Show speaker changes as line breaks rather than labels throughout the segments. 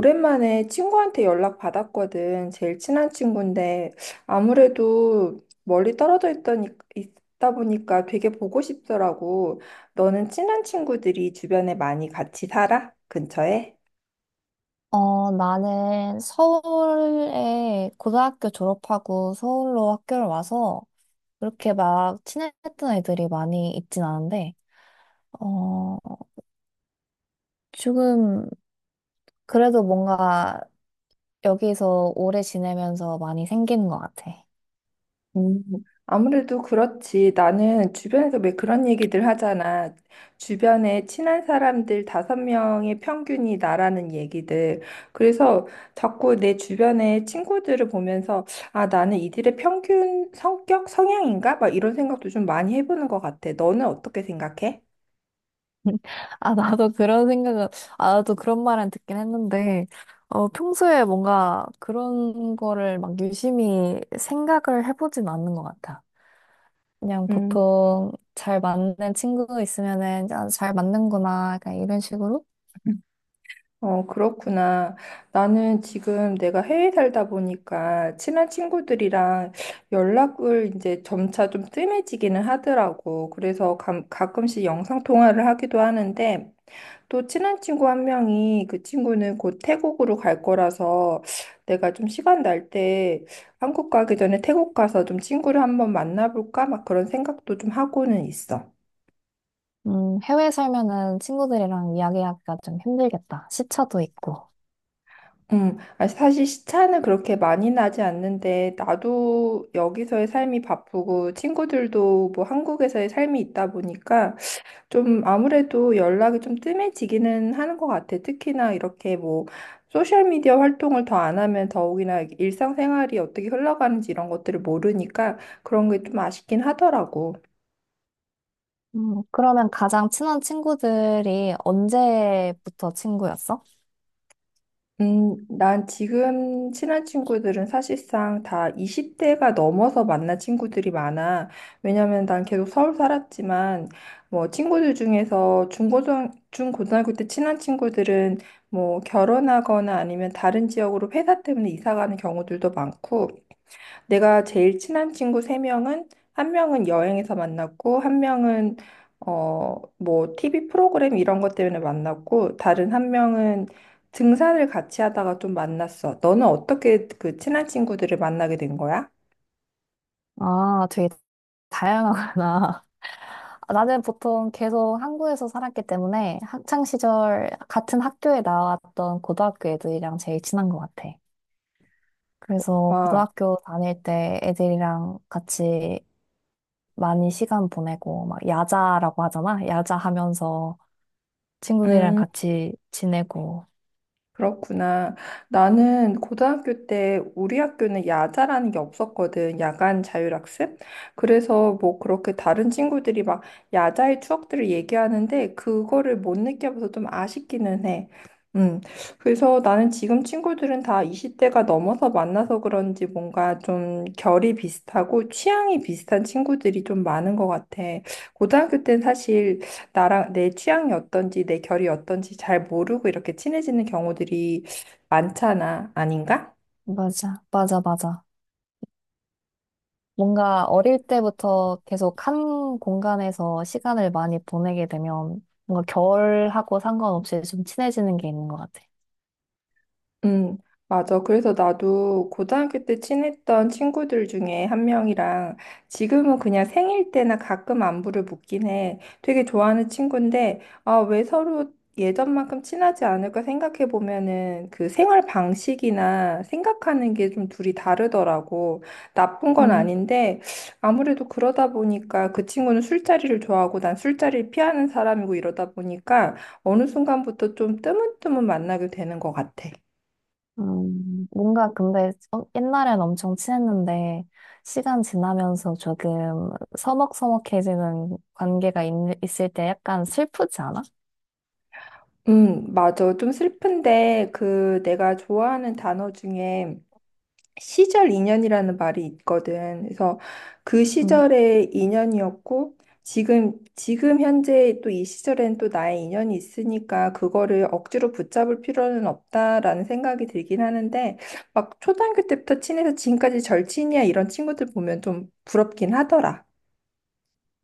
오랜만에 친구한테 연락 받았거든. 제일 친한 친구인데 아무래도 멀리 떨어져 있더니 있다 보니까 되게 보고 싶더라고. 너는 친한 친구들이 주변에 많이 같이 살아? 근처에?
나는 서울에 고등학교 졸업하고 서울로 학교를 와서 그렇게 막 친했던 애들이 많이 있진 않은데, 어, 지금 그래도 뭔가 여기서 오래 지내면서 많이 생기는 것 같아.
음, 아무래도 그렇지. 나는 주변에서 왜 그런 얘기들 하잖아. 주변에 친한 사람들 다섯 명의 평균이 나라는 얘기들. 그래서 자꾸 내 주변의 친구들을 보면서 아, 나는 이들의 평균 성격 성향인가? 막 이런 생각도 좀 많이 해보는 것 같아. 너는 어떻게 생각해?
아, 나도 그런 생각은, 아, 나도 그런 말은 듣긴 했는데, 평소에 뭔가 그런 거를 막 유심히 생각을 해보진 않는 것 같아. 그냥
음.
보통 잘 맞는 친구 있으면은 아, 잘 맞는구나 약간 이런 식으로.
어, 그렇구나. 나는 지금 내가 해외 살다 보니까 친한 친구들이랑 연락을 이제 점차 좀 뜸해지기는 하더라고. 그래서 가끔씩 영상 통화를 하기도 하는데 또 친한 친구 한 명이 그 친구는 곧 태국으로 갈 거라서 내가 좀 시간 날 때 한국 가기 전에 태국 가서 좀 친구를 한번 만나볼까? 막 그런 생각도 좀 하고는 있어.
해외 살면은 친구들이랑 이야기하기가 좀 힘들겠다. 시차도 있고.
아, 사실 시차는 그렇게 많이 나지 않는데, 나도 여기서의 삶이 바쁘고, 친구들도 뭐 한국에서의 삶이 있다 보니까, 좀 아무래도 연락이 좀 뜸해지기는 하는 것 같아. 특히나 이렇게 뭐, 소셜미디어 활동을 더 안 하면 더욱이나 일상생활이 어떻게 흘러가는지 이런 것들을 모르니까 그런 게 좀 아쉽긴 하더라고.
그러면 가장 친한 친구들이 언제부터 친구였어?
난 지금 친한 친구들은 사실상 다 20대가 넘어서 만난 친구들이 많아. 왜냐면 난 계속 서울 살았지만, 뭐, 친구들 중에서 중고등학교 때 친한 친구들은 뭐, 결혼하거나 아니면 다른 지역으로 회사 때문에 이사 가는 경우들도 많고, 내가 제일 친한 친구 세명은한 명은 한 명은 여행에서 만났고, 한 명은 어, 뭐 TV 프로그램 이런 것 때문에 만났고, 다른 한 명은 등산을 같이 하다가 좀 만났어. 너는 어떻게 그 친한 친구들을 만나게 된 거야?
아, 되게 다양하구나. 아, 나는 보통 계속 한국에서 살았기 때문에 학창 시절 같은 학교에 나왔던 고등학교 애들이랑 제일 친한 것 같아. 그래서
아,
고등학교 다닐 때 애들이랑 같이 많이 시간 보내고, 막 야자라고 하잖아? 야자 하면서 친구들이랑
음.
같이 지내고.
그렇구나. 나는 고등학교 때 우리 학교는 야자라는 게 없었거든. 야간 자율학습. 그래서 뭐 그렇게 다른 친구들이 막 야자의 추억들을 얘기하는데 그거를 못 느껴봐서 좀 아쉽기는 해. 음. 그래서 나는 지금 친구들은 다 20대가 넘어서 만나서 그런지 뭔가 좀 결이 비슷하고 취향이 비슷한 친구들이 좀 많은 것 같아. 고등학교 때는 사실 나랑 내 취향이 어떤지, 내 결이 어떤지 잘 모르고 이렇게 친해지는 경우들이 많잖아. 아닌가?
맞아, 맞아, 맞아. 뭔가 어릴 때부터 계속 한 공간에서 시간을 많이 보내게 되면 뭔가 결하고 상관없이 좀 친해지는 게 있는 것 같아.
음, 맞아. 그래서 나도 고등학교 때 친했던 친구들 중에 한 명이랑 지금은 그냥 생일 때나 가끔 안부를 묻긴 해. 되게 좋아하는 친구인데, 아, 왜 서로 예전만큼 친하지 않을까 생각해 보면은 그 생활 방식이나 생각하는 게 좀 둘이 다르더라고. 나쁜 건
음,
아닌데, 아무래도 그러다 보니까 그 친구는 술자리를 좋아하고 난 술자리를 피하는 사람이고 이러다 보니까 어느 순간부터 좀 뜨문뜨문 만나게 되는 것 같아.
뭔가 근데 옛날엔 엄청 친했는데 시간 지나면서 조금 서먹서먹해지는 관계가 있을 때 약간 슬프지 않아?
맞아. 좀 슬픈데, 그, 내가 좋아하는 단어 중에 시절 인연이라는 말이 있거든. 그래서 그
음.
시절의 인연이었고, 지금 현재 또 이 시절엔 또 나의 인연이 있으니까, 그거를 억지로 붙잡을 필요는 없다라는 생각이 들긴 하는데, 막 초등학교 때부터 친해서 지금까지 절친이야, 이런 친구들 보면 좀 부럽긴 하더라.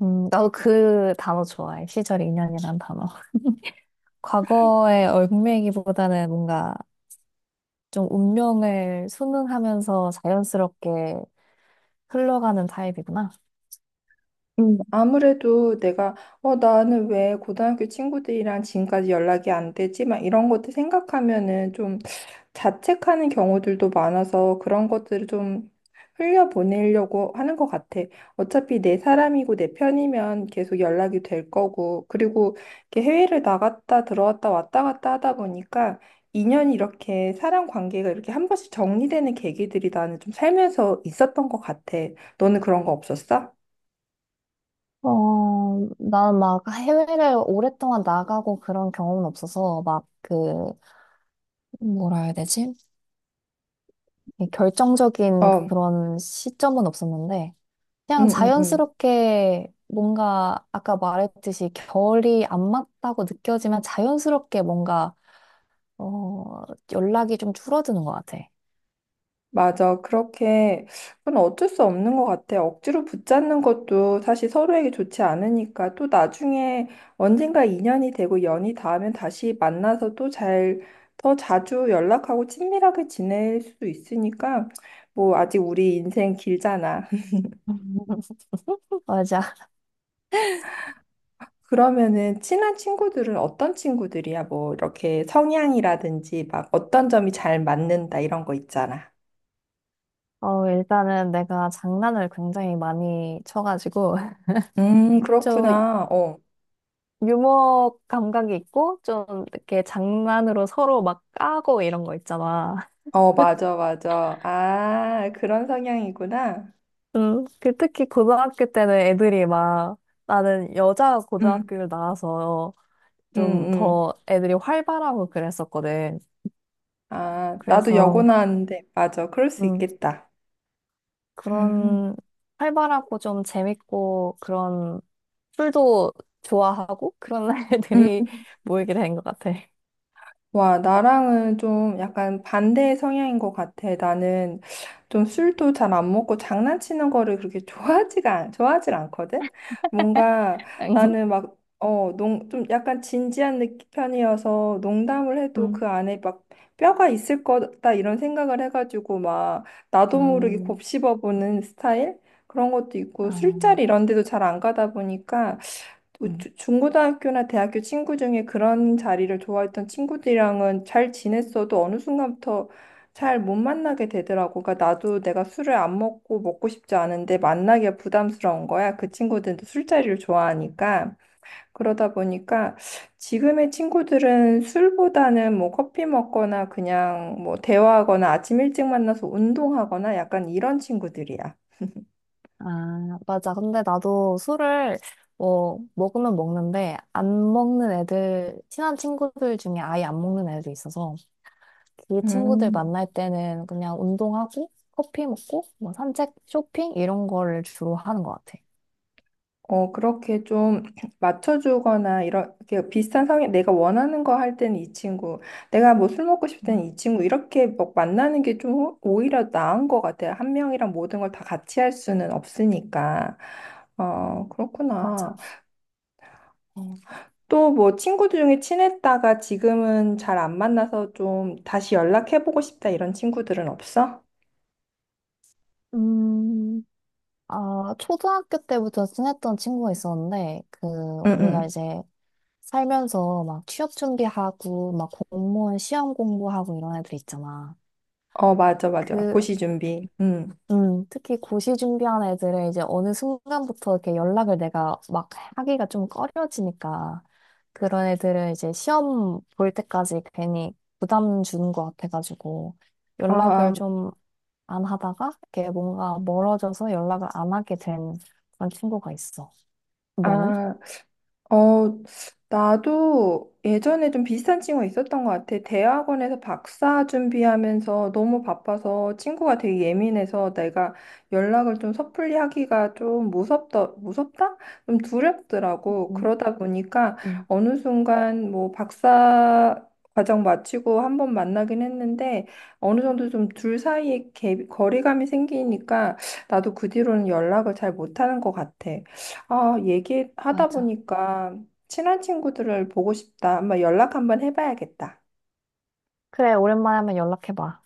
나도 그 단어 좋아해. 시절 인연이란 단어. 과거의 얽매이기보다는 뭔가 좀 운명을 순응하면서 자연스럽게 흘러가는 타입이구나.
아무래도 내가, 어, 나는 왜 고등학교 친구들이랑 지금까지 연락이 안 되지? 막 이런 것들 생각하면은 좀 자책하는 경우들도 많아서 그런 것들을 좀 흘려보내려고 하는 것 같아. 어차피 내 사람이고 내 편이면 계속 연락이 될 거고. 그리고 이렇게 해외를 나갔다 들어왔다 왔다 갔다 하다 보니까 인연이 이렇게 사람 관계가 이렇게 한 번씩 정리되는 계기들이 나는 좀 살면서 있었던 것 같아. 너는 그런 거 없었어?
어, 난 막 해외를 오랫동안 나가고 그런 경험은 없어서 막 그, 뭐라 해야 되지? 이 결정적인
어.
그런 시점은 없었는데 그냥
응응응
자연스럽게 뭔가 아까 말했듯이 결이 안 맞다고 느껴지면 자연스럽게 뭔가 어, 연락이 좀 줄어드는 것 같아.
맞아. 그렇게, 그건 어쩔 수 없는 것 같아. 억지로 붙잡는 것도 사실 서로에게 좋지 않으니까 또 나중에 언젠가 인연이 되고 연이 닿으면 다시 만나서 또 잘, 더 자주 연락하고 친밀하게 지낼 수도 있으니까 뭐 아직 우리 인생 길잖아.
맞아.
그러면은 친한 친구들은 어떤 친구들이야? 뭐 이렇게 성향이라든지 막 어떤 점이 잘 맞는다 이런 거 있잖아.
어, 일단은 내가 장난을 굉장히 많이 쳐가지고, 좀
그렇구나. 어.
유머 감각이 있고, 좀 이렇게 장난으로 서로 막 까고 이런 거 있잖아.
어, 맞아, 맞아. 아, 그런 성향이구나.
그 특히 고등학교 때는 애들이 막, 나는 여자
응,
고등학교를 나와서
응,
좀
응.
더 애들이 활발하고 그랬었거든.
아, 나도 여고
그래서,
나왔는데, 맞아. 그럴 수
음,
있겠다. 음.
그런 활발하고 좀 재밌고 그런 술도 좋아하고 그런
음,
날들이 모이게 된 것 같아.
와, 나랑은 좀 약간 반대의 성향인 것 같아. 나는 좀 술도 잘 안 먹고 장난치는 거를 그렇게 좋아하지가, 좋아하질 않거든? 뭔가 나는 막, 좀 약간 진지한 편이어서 농담을 해도
음.
그 안에 막 뼈가 있을 거다 이런 생각을 해가지고 막 나도 모르게
음,
곱씹어보는 스타일? 그런 것도
아,
있고 술자리 이런 데도 잘 안 가다 보니까
음.
중고등학교나 대학교 친구 중에 그런 자리를 좋아했던 친구들이랑은 잘 지냈어도 어느 순간부터 잘 못 만나게 되더라고. 그러니까 나도 내가 술을 안 먹고 먹고 싶지 않은데 만나기가 부담스러운 거야. 그 친구들도 술자리를 좋아하니까. 그러다 보니까 지금의 친구들은 술보다는 뭐 커피 먹거나 그냥 뭐 대화하거나 아침 일찍 만나서 운동하거나 약간 이런 친구들이야.
아, 맞아. 근데 나도 술을 뭐 먹으면 먹는데 안 먹는 애들, 친한 친구들 중에 아예 안 먹는 애도 있어서 그 친구들
음.
만날 때는 그냥 운동하고 커피 먹고 뭐 산책, 쇼핑 이런 거를 주로 하는 것 같아.
어, 그렇게 좀 맞춰주거나, 이렇게 비슷한 성향, 내가 원하는 거 할 때는 이 친구, 내가 뭐 술 먹고 싶을
음,
때는 이 친구, 이렇게 막 만나는 게 좀 오히려 나은 것 같아요. 한 명이랑 모든 걸 다 같이 할 수는 없으니까. 어,
맞아.
그렇구나. 어, 또뭐 친구들 중에 친했다가 지금은 잘 안 만나서 좀 다시 연락해보고 싶다 이런 친구들은 없어?
음. 아, 초등학교 때부터 친했던 친구가 있었는데, 그,
응,
우리가
응.
이제 살면서 막 취업 준비하고, 막 공무원 시험 공부하고 이런 애들 있잖아.
어, 맞아, 맞아.
그,
고시 준비. 응.
특히 고시 준비하는 애들은 이제 어느 순간부터 이렇게 연락을 내가 막 하기가 좀 꺼려지니까, 그런 애들은 이제 시험 볼 때까지 괜히 부담 주는 것 같아가지고, 연락을
아,
좀 안 하다가, 이렇게 뭔가 멀어져서 연락을 안 하게 된 그런 친구가 있어. 너는?
아, 어, 나도 예전에 좀 비슷한 친구가 있었던 것 같아. 대학원에서 박사 준비하면서 너무 바빠서 친구가 되게 예민해서 내가 연락을 좀 섣불리 하기가 좀 무섭다, 무섭다? 좀 두렵더라고.
응,
그러다 보니까
응,
어느 순간 뭐 박사 과정 마치고 한번 만나긴 했는데 어느 정도 좀 둘 사이에 갭, 거리감이 생기니까 나도 그 뒤로는 연락을 잘 못하는 것 같아. 아, 얘기하다
맞아.
보니까 친한 친구들을 보고 싶다. 한번 연락 한번 해봐야겠다.
그래, 오랜만에 한번 연락해봐.